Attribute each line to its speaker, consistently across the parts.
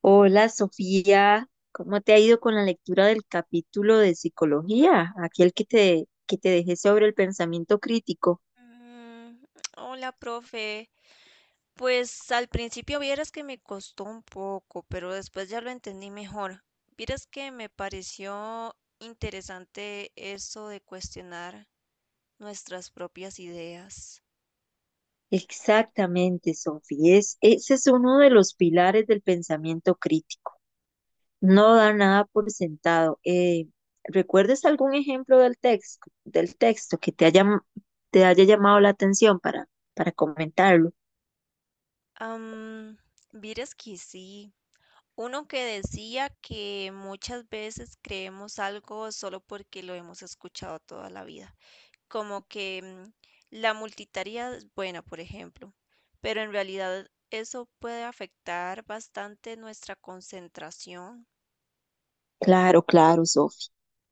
Speaker 1: Hola Sofía, ¿cómo te ha ido con la lectura del capítulo de psicología? Aquel que que te dejé sobre el pensamiento crítico.
Speaker 2: Mm. Hola, profe. Pues al principio vieras que me costó un poco, pero después ya lo entendí mejor. Vieras que me pareció interesante eso de cuestionar nuestras propias ideas.
Speaker 1: Exactamente, Sofía, ese es uno de los pilares del pensamiento crítico. No da nada por sentado. ¿Recuerdas algún ejemplo del texto que te haya llamado la atención para comentarlo?
Speaker 2: Am, Vieras que sí. Uno que decía que muchas veces creemos algo solo porque lo hemos escuchado toda la vida, como que la multitarea es buena, por ejemplo, pero en realidad eso puede afectar bastante nuestra concentración.
Speaker 1: Claro, claro, Sofi.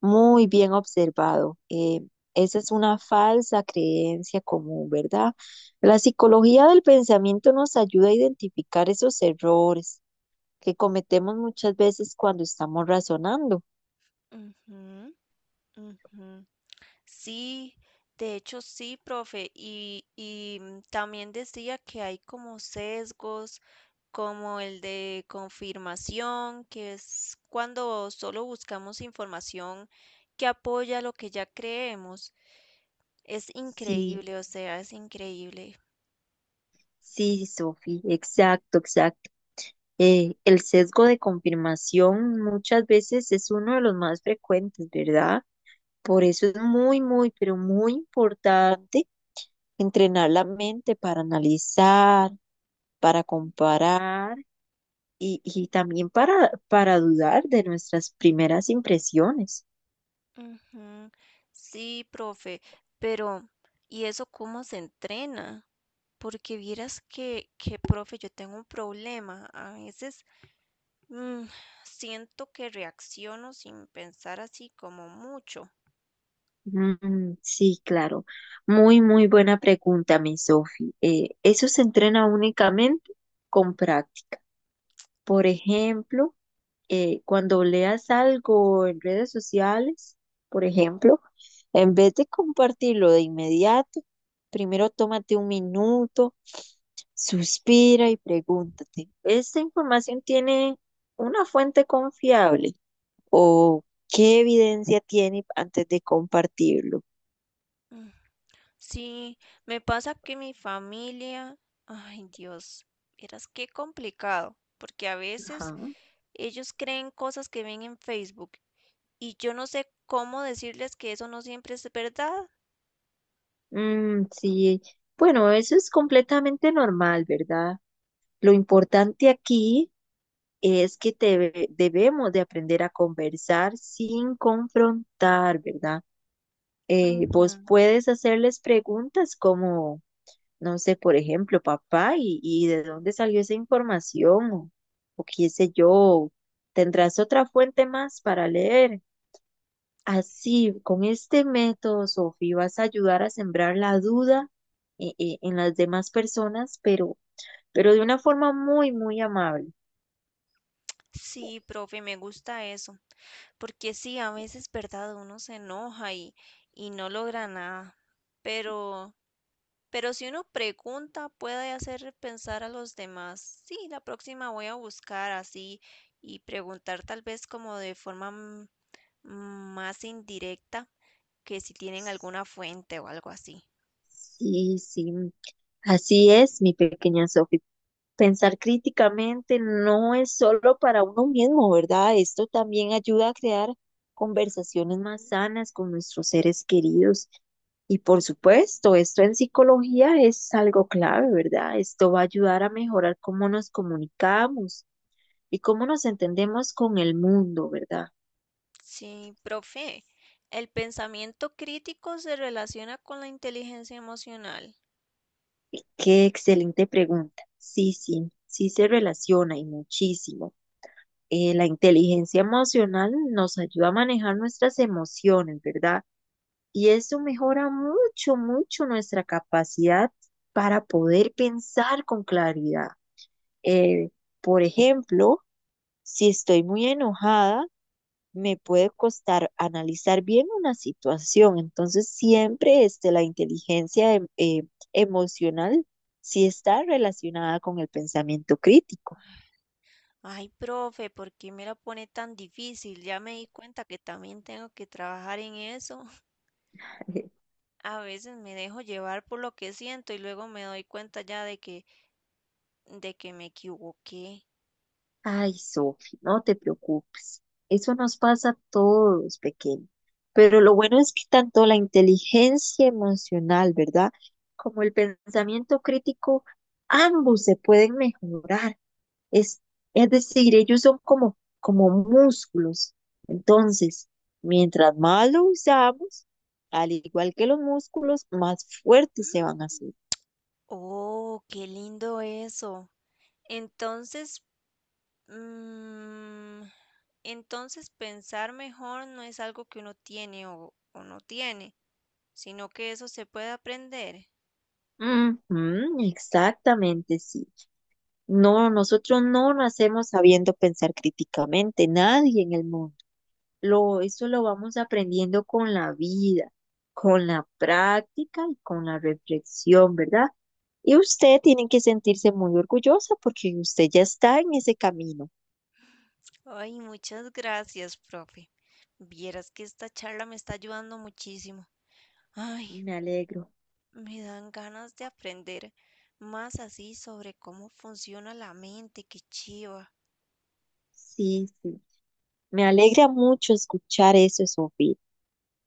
Speaker 1: Muy bien observado. Esa es una falsa creencia común, ¿verdad? La psicología del pensamiento nos ayuda a identificar esos errores que cometemos muchas veces cuando estamos razonando.
Speaker 2: Ujú, ujú. Sí, de hecho sí, profe, y también decía que hay como sesgos, como el de confirmación, que es cuando solo buscamos información que apoya lo que ya creemos. Es
Speaker 1: Sí,
Speaker 2: increíble, o sea, es increíble.
Speaker 1: sí, Sofi, exacto, exacto. El sesgo de confirmación muchas veces es uno de los más frecuentes, ¿verdad? Por eso es muy, muy, pero muy importante entrenar la mente para analizar, para comparar y también para dudar de nuestras primeras impresiones.
Speaker 2: Ujú. Sí, profe, pero ¿y eso cómo se entrena? Porque vieras que, profe, yo tengo un problema. A veces mm, siento que reacciono sin pensar así como mucho.
Speaker 1: Sí, claro. Muy, muy buena pregunta, mi Sofi. Eso se entrena únicamente con práctica. Por ejemplo, cuando leas algo en redes sociales, por ejemplo, en vez de compartirlo de inmediato, primero tómate un minuto. Suspira y pregúntate, ¿esta información tiene una fuente confiable? ¿O qué evidencia tiene antes de compartirlo?
Speaker 2: Mm. Sí, me pasa que mi familia, ay Dios, vieras qué complicado, porque a
Speaker 1: Ajá.
Speaker 2: veces ellos creen cosas que ven en Facebook, y yo no sé cómo decirles que eso no siempre es verdad.
Speaker 1: Sí, bueno, eso es completamente normal, ¿verdad? Lo importante aquí es que debemos de aprender a conversar sin confrontar, ¿verdad?
Speaker 2: Ujú.
Speaker 1: Vos puedes hacerles preguntas como... no sé, por ejemplo, papá, y de dónde salió esa información, o qué sé yo, tendrás otra fuente más para leer.
Speaker 2: Sí.
Speaker 1: Así, con este método, Sofi, vas a ayudar a sembrar la duda en las demás personas, pero de una forma muy, muy amable.
Speaker 2: Sí, profe, me gusta eso, porque sí, a veces, ¿verdad? Uno se enoja y no logra nada, pero... Pero si uno pregunta, puede hacer pensar a los demás. Sí, la próxima voy a buscar así y preguntar tal vez como de forma más indirecta, que si tienen alguna fuente o algo así.
Speaker 1: Sí, sí, así es, mi pequeña Sofi. Pensar críticamente no es solo para uno mismo, ¿verdad? Esto también ayuda a crear conversaciones más
Speaker 2: Mm.
Speaker 1: sanas con nuestros seres queridos. Y por supuesto, esto en psicología es algo clave, ¿verdad? Esto va a ayudar a mejorar cómo nos comunicamos y cómo nos entendemos con el mundo, ¿verdad?
Speaker 2: Sí, profe, el pensamiento crítico se relaciona con la inteligencia emocional.
Speaker 1: Qué excelente pregunta. Sí, sí, sí se relaciona y muchísimo. La inteligencia emocional nos ayuda a manejar nuestras emociones, ¿verdad? Y eso mejora mucho, mucho nuestra capacidad para poder pensar con claridad. Eh, por ejemplo, si estoy muy enojada, me puede costar analizar bien una situación. Entonces, siempre este, la inteligencia emocional sí está relacionada con el pensamiento crítico.
Speaker 2: Ay, profe, ¿por qué me la pone tan difícil? Ya me di cuenta que también tengo que trabajar en eso. A veces me dejo llevar por lo que siento y luego me doy cuenta ya de que me equivoqué.
Speaker 1: Ay, Sofi, no te preocupes. Eso nos pasa a todos, pequeños. Pero lo bueno es que tanto la inteligencia emocional, ¿verdad? Como el pensamiento crítico, ambos se pueden mejorar. Es, es decir, ellos son como músculos. Entonces, mientras más lo usamos, al igual que los músculos, más fuertes se van a
Speaker 2: Mm.
Speaker 1: hacer.
Speaker 2: Oh, qué lindo eso. Entonces, mm, entonces pensar mejor no es algo que uno tiene o no tiene, sino que eso se puede aprender.
Speaker 1: Ujú, exactamente, sí. No, nosotros no nacemos sabiendo pensar críticamente, nadie en el mundo. Eso lo vamos aprendiendo con la vida, con la práctica y con la reflexión, ¿verdad? Y usted tiene que sentirse muy orgullosa porque usted ya está en ese camino.
Speaker 2: Ay, muchas gracias, profe. Vieras que esta charla me está ayudando muchísimo. Ay,
Speaker 1: Me alegro.
Speaker 2: me dan ganas de aprender más así sobre cómo funciona la mente, qué chiva.
Speaker 1: Sí, sí. Me alegra mucho escuchar eso, Sofía.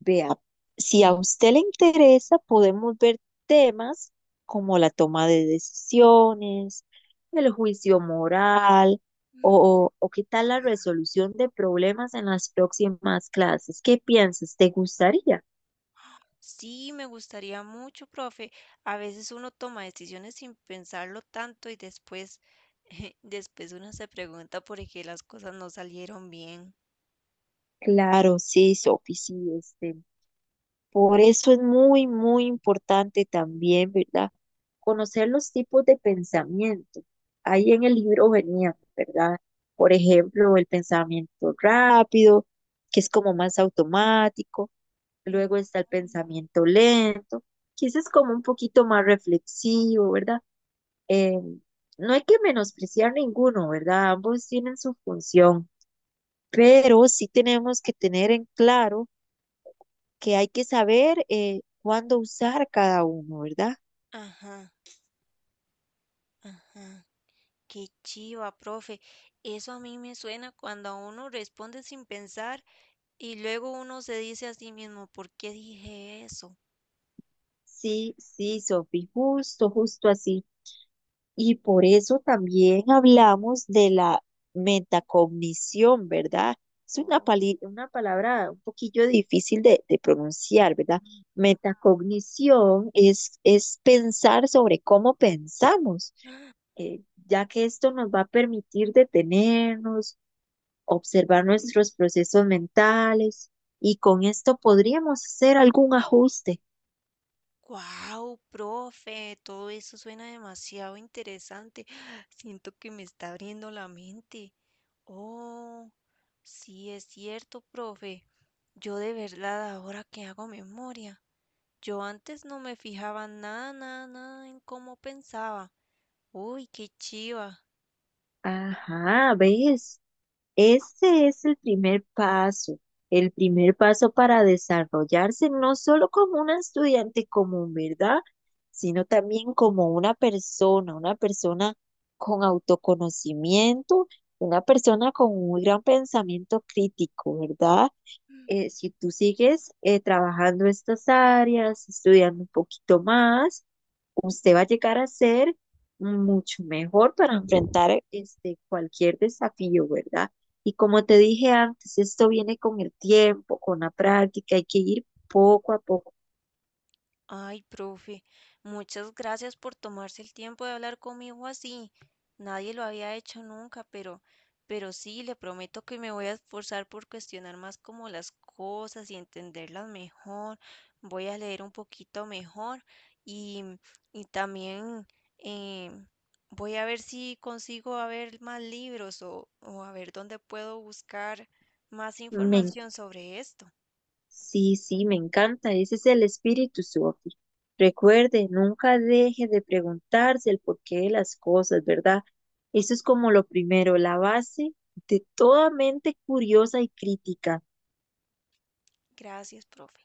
Speaker 1: Vea, si a usted le interesa, podemos ver temas como la toma de decisiones, el juicio moral
Speaker 2: Mm.
Speaker 1: o qué tal la resolución de problemas en las próximas clases. ¿Qué piensas? ¿Te gustaría?
Speaker 2: Sí, me gustaría mucho, profe. A veces uno toma decisiones sin pensarlo tanto y después, después uno se pregunta por qué las cosas no salieron bien.
Speaker 1: Claro, sí, Sofi, sí, este. Por eso es muy, muy importante también, ¿verdad? Conocer los tipos de pensamiento. Ahí en el libro venía, ¿verdad? Por ejemplo, el pensamiento rápido, que es como más automático.
Speaker 2: Mm.
Speaker 1: Luego está el pensamiento lento, que ese es como un poquito más reflexivo, ¿verdad? Eh, no hay que menospreciar ninguno, ¿verdad? Ambos tienen su función, pero sí tenemos que tener en claro que hay que saber cuándo usar cada uno, ¿verdad?
Speaker 2: Ajá, ajá. Qué chiva, profe. Eso a mí me suena cuando a uno responde sin pensar y luego uno se dice a sí mismo, ¿por qué dije eso?
Speaker 1: Sí, sí, Sofi, justo, justo así. Y por eso también hablamos de la metacognición, ¿verdad? Es una,
Speaker 2: ¡Wow,
Speaker 1: una palabra un poquillo difícil de pronunciar, ¿verdad? Metacognición es pensar sobre cómo pensamos, eh, ya que esto nos va a permitir detenernos, observar nuestros procesos mentales y con esto podríamos hacer algún ajuste.
Speaker 2: profe, todo eso suena demasiado interesante! Siento que me está abriendo la mente. Oh, sí es cierto, profe. Yo de verdad ahora que hago memoria, yo antes no me fijaba nada, nada, nada en cómo pensaba. Uy, qué chiva.
Speaker 1: Ajá, ¿ves? Ese es el primer paso para desarrollarse no solo como una estudiante común, ¿verdad? Sino también como una persona con autoconocimiento, una persona con un gran pensamiento crítico, ¿verdad? Si tú sigues trabajando estas áreas, estudiando un poquito más, usted va a llegar a ser mucho mejor para enfrentar este, cualquier desafío, ¿verdad? Y como te dije antes, esto viene con el tiempo, con la práctica, hay que ir poco a poco.
Speaker 2: Ay, profe, muchas gracias por tomarse el tiempo de hablar conmigo así. Nadie lo había hecho nunca, pero sí, le prometo que me voy a esforzar por cuestionar más como las cosas y entenderlas mejor. Voy a leer un poquito mejor, y, y también eh, voy a ver si consigo a ver más libros, o a ver dónde puedo buscar más
Speaker 1: Me
Speaker 2: información sobre esto.
Speaker 1: Sí, sí, me encanta. Ese es el espíritu, Sophie. Recuerde, nunca deje de preguntarse el porqué de las cosas, ¿verdad? Eso es como lo primero, la base de toda mente curiosa y crítica.
Speaker 2: Gracias, profe.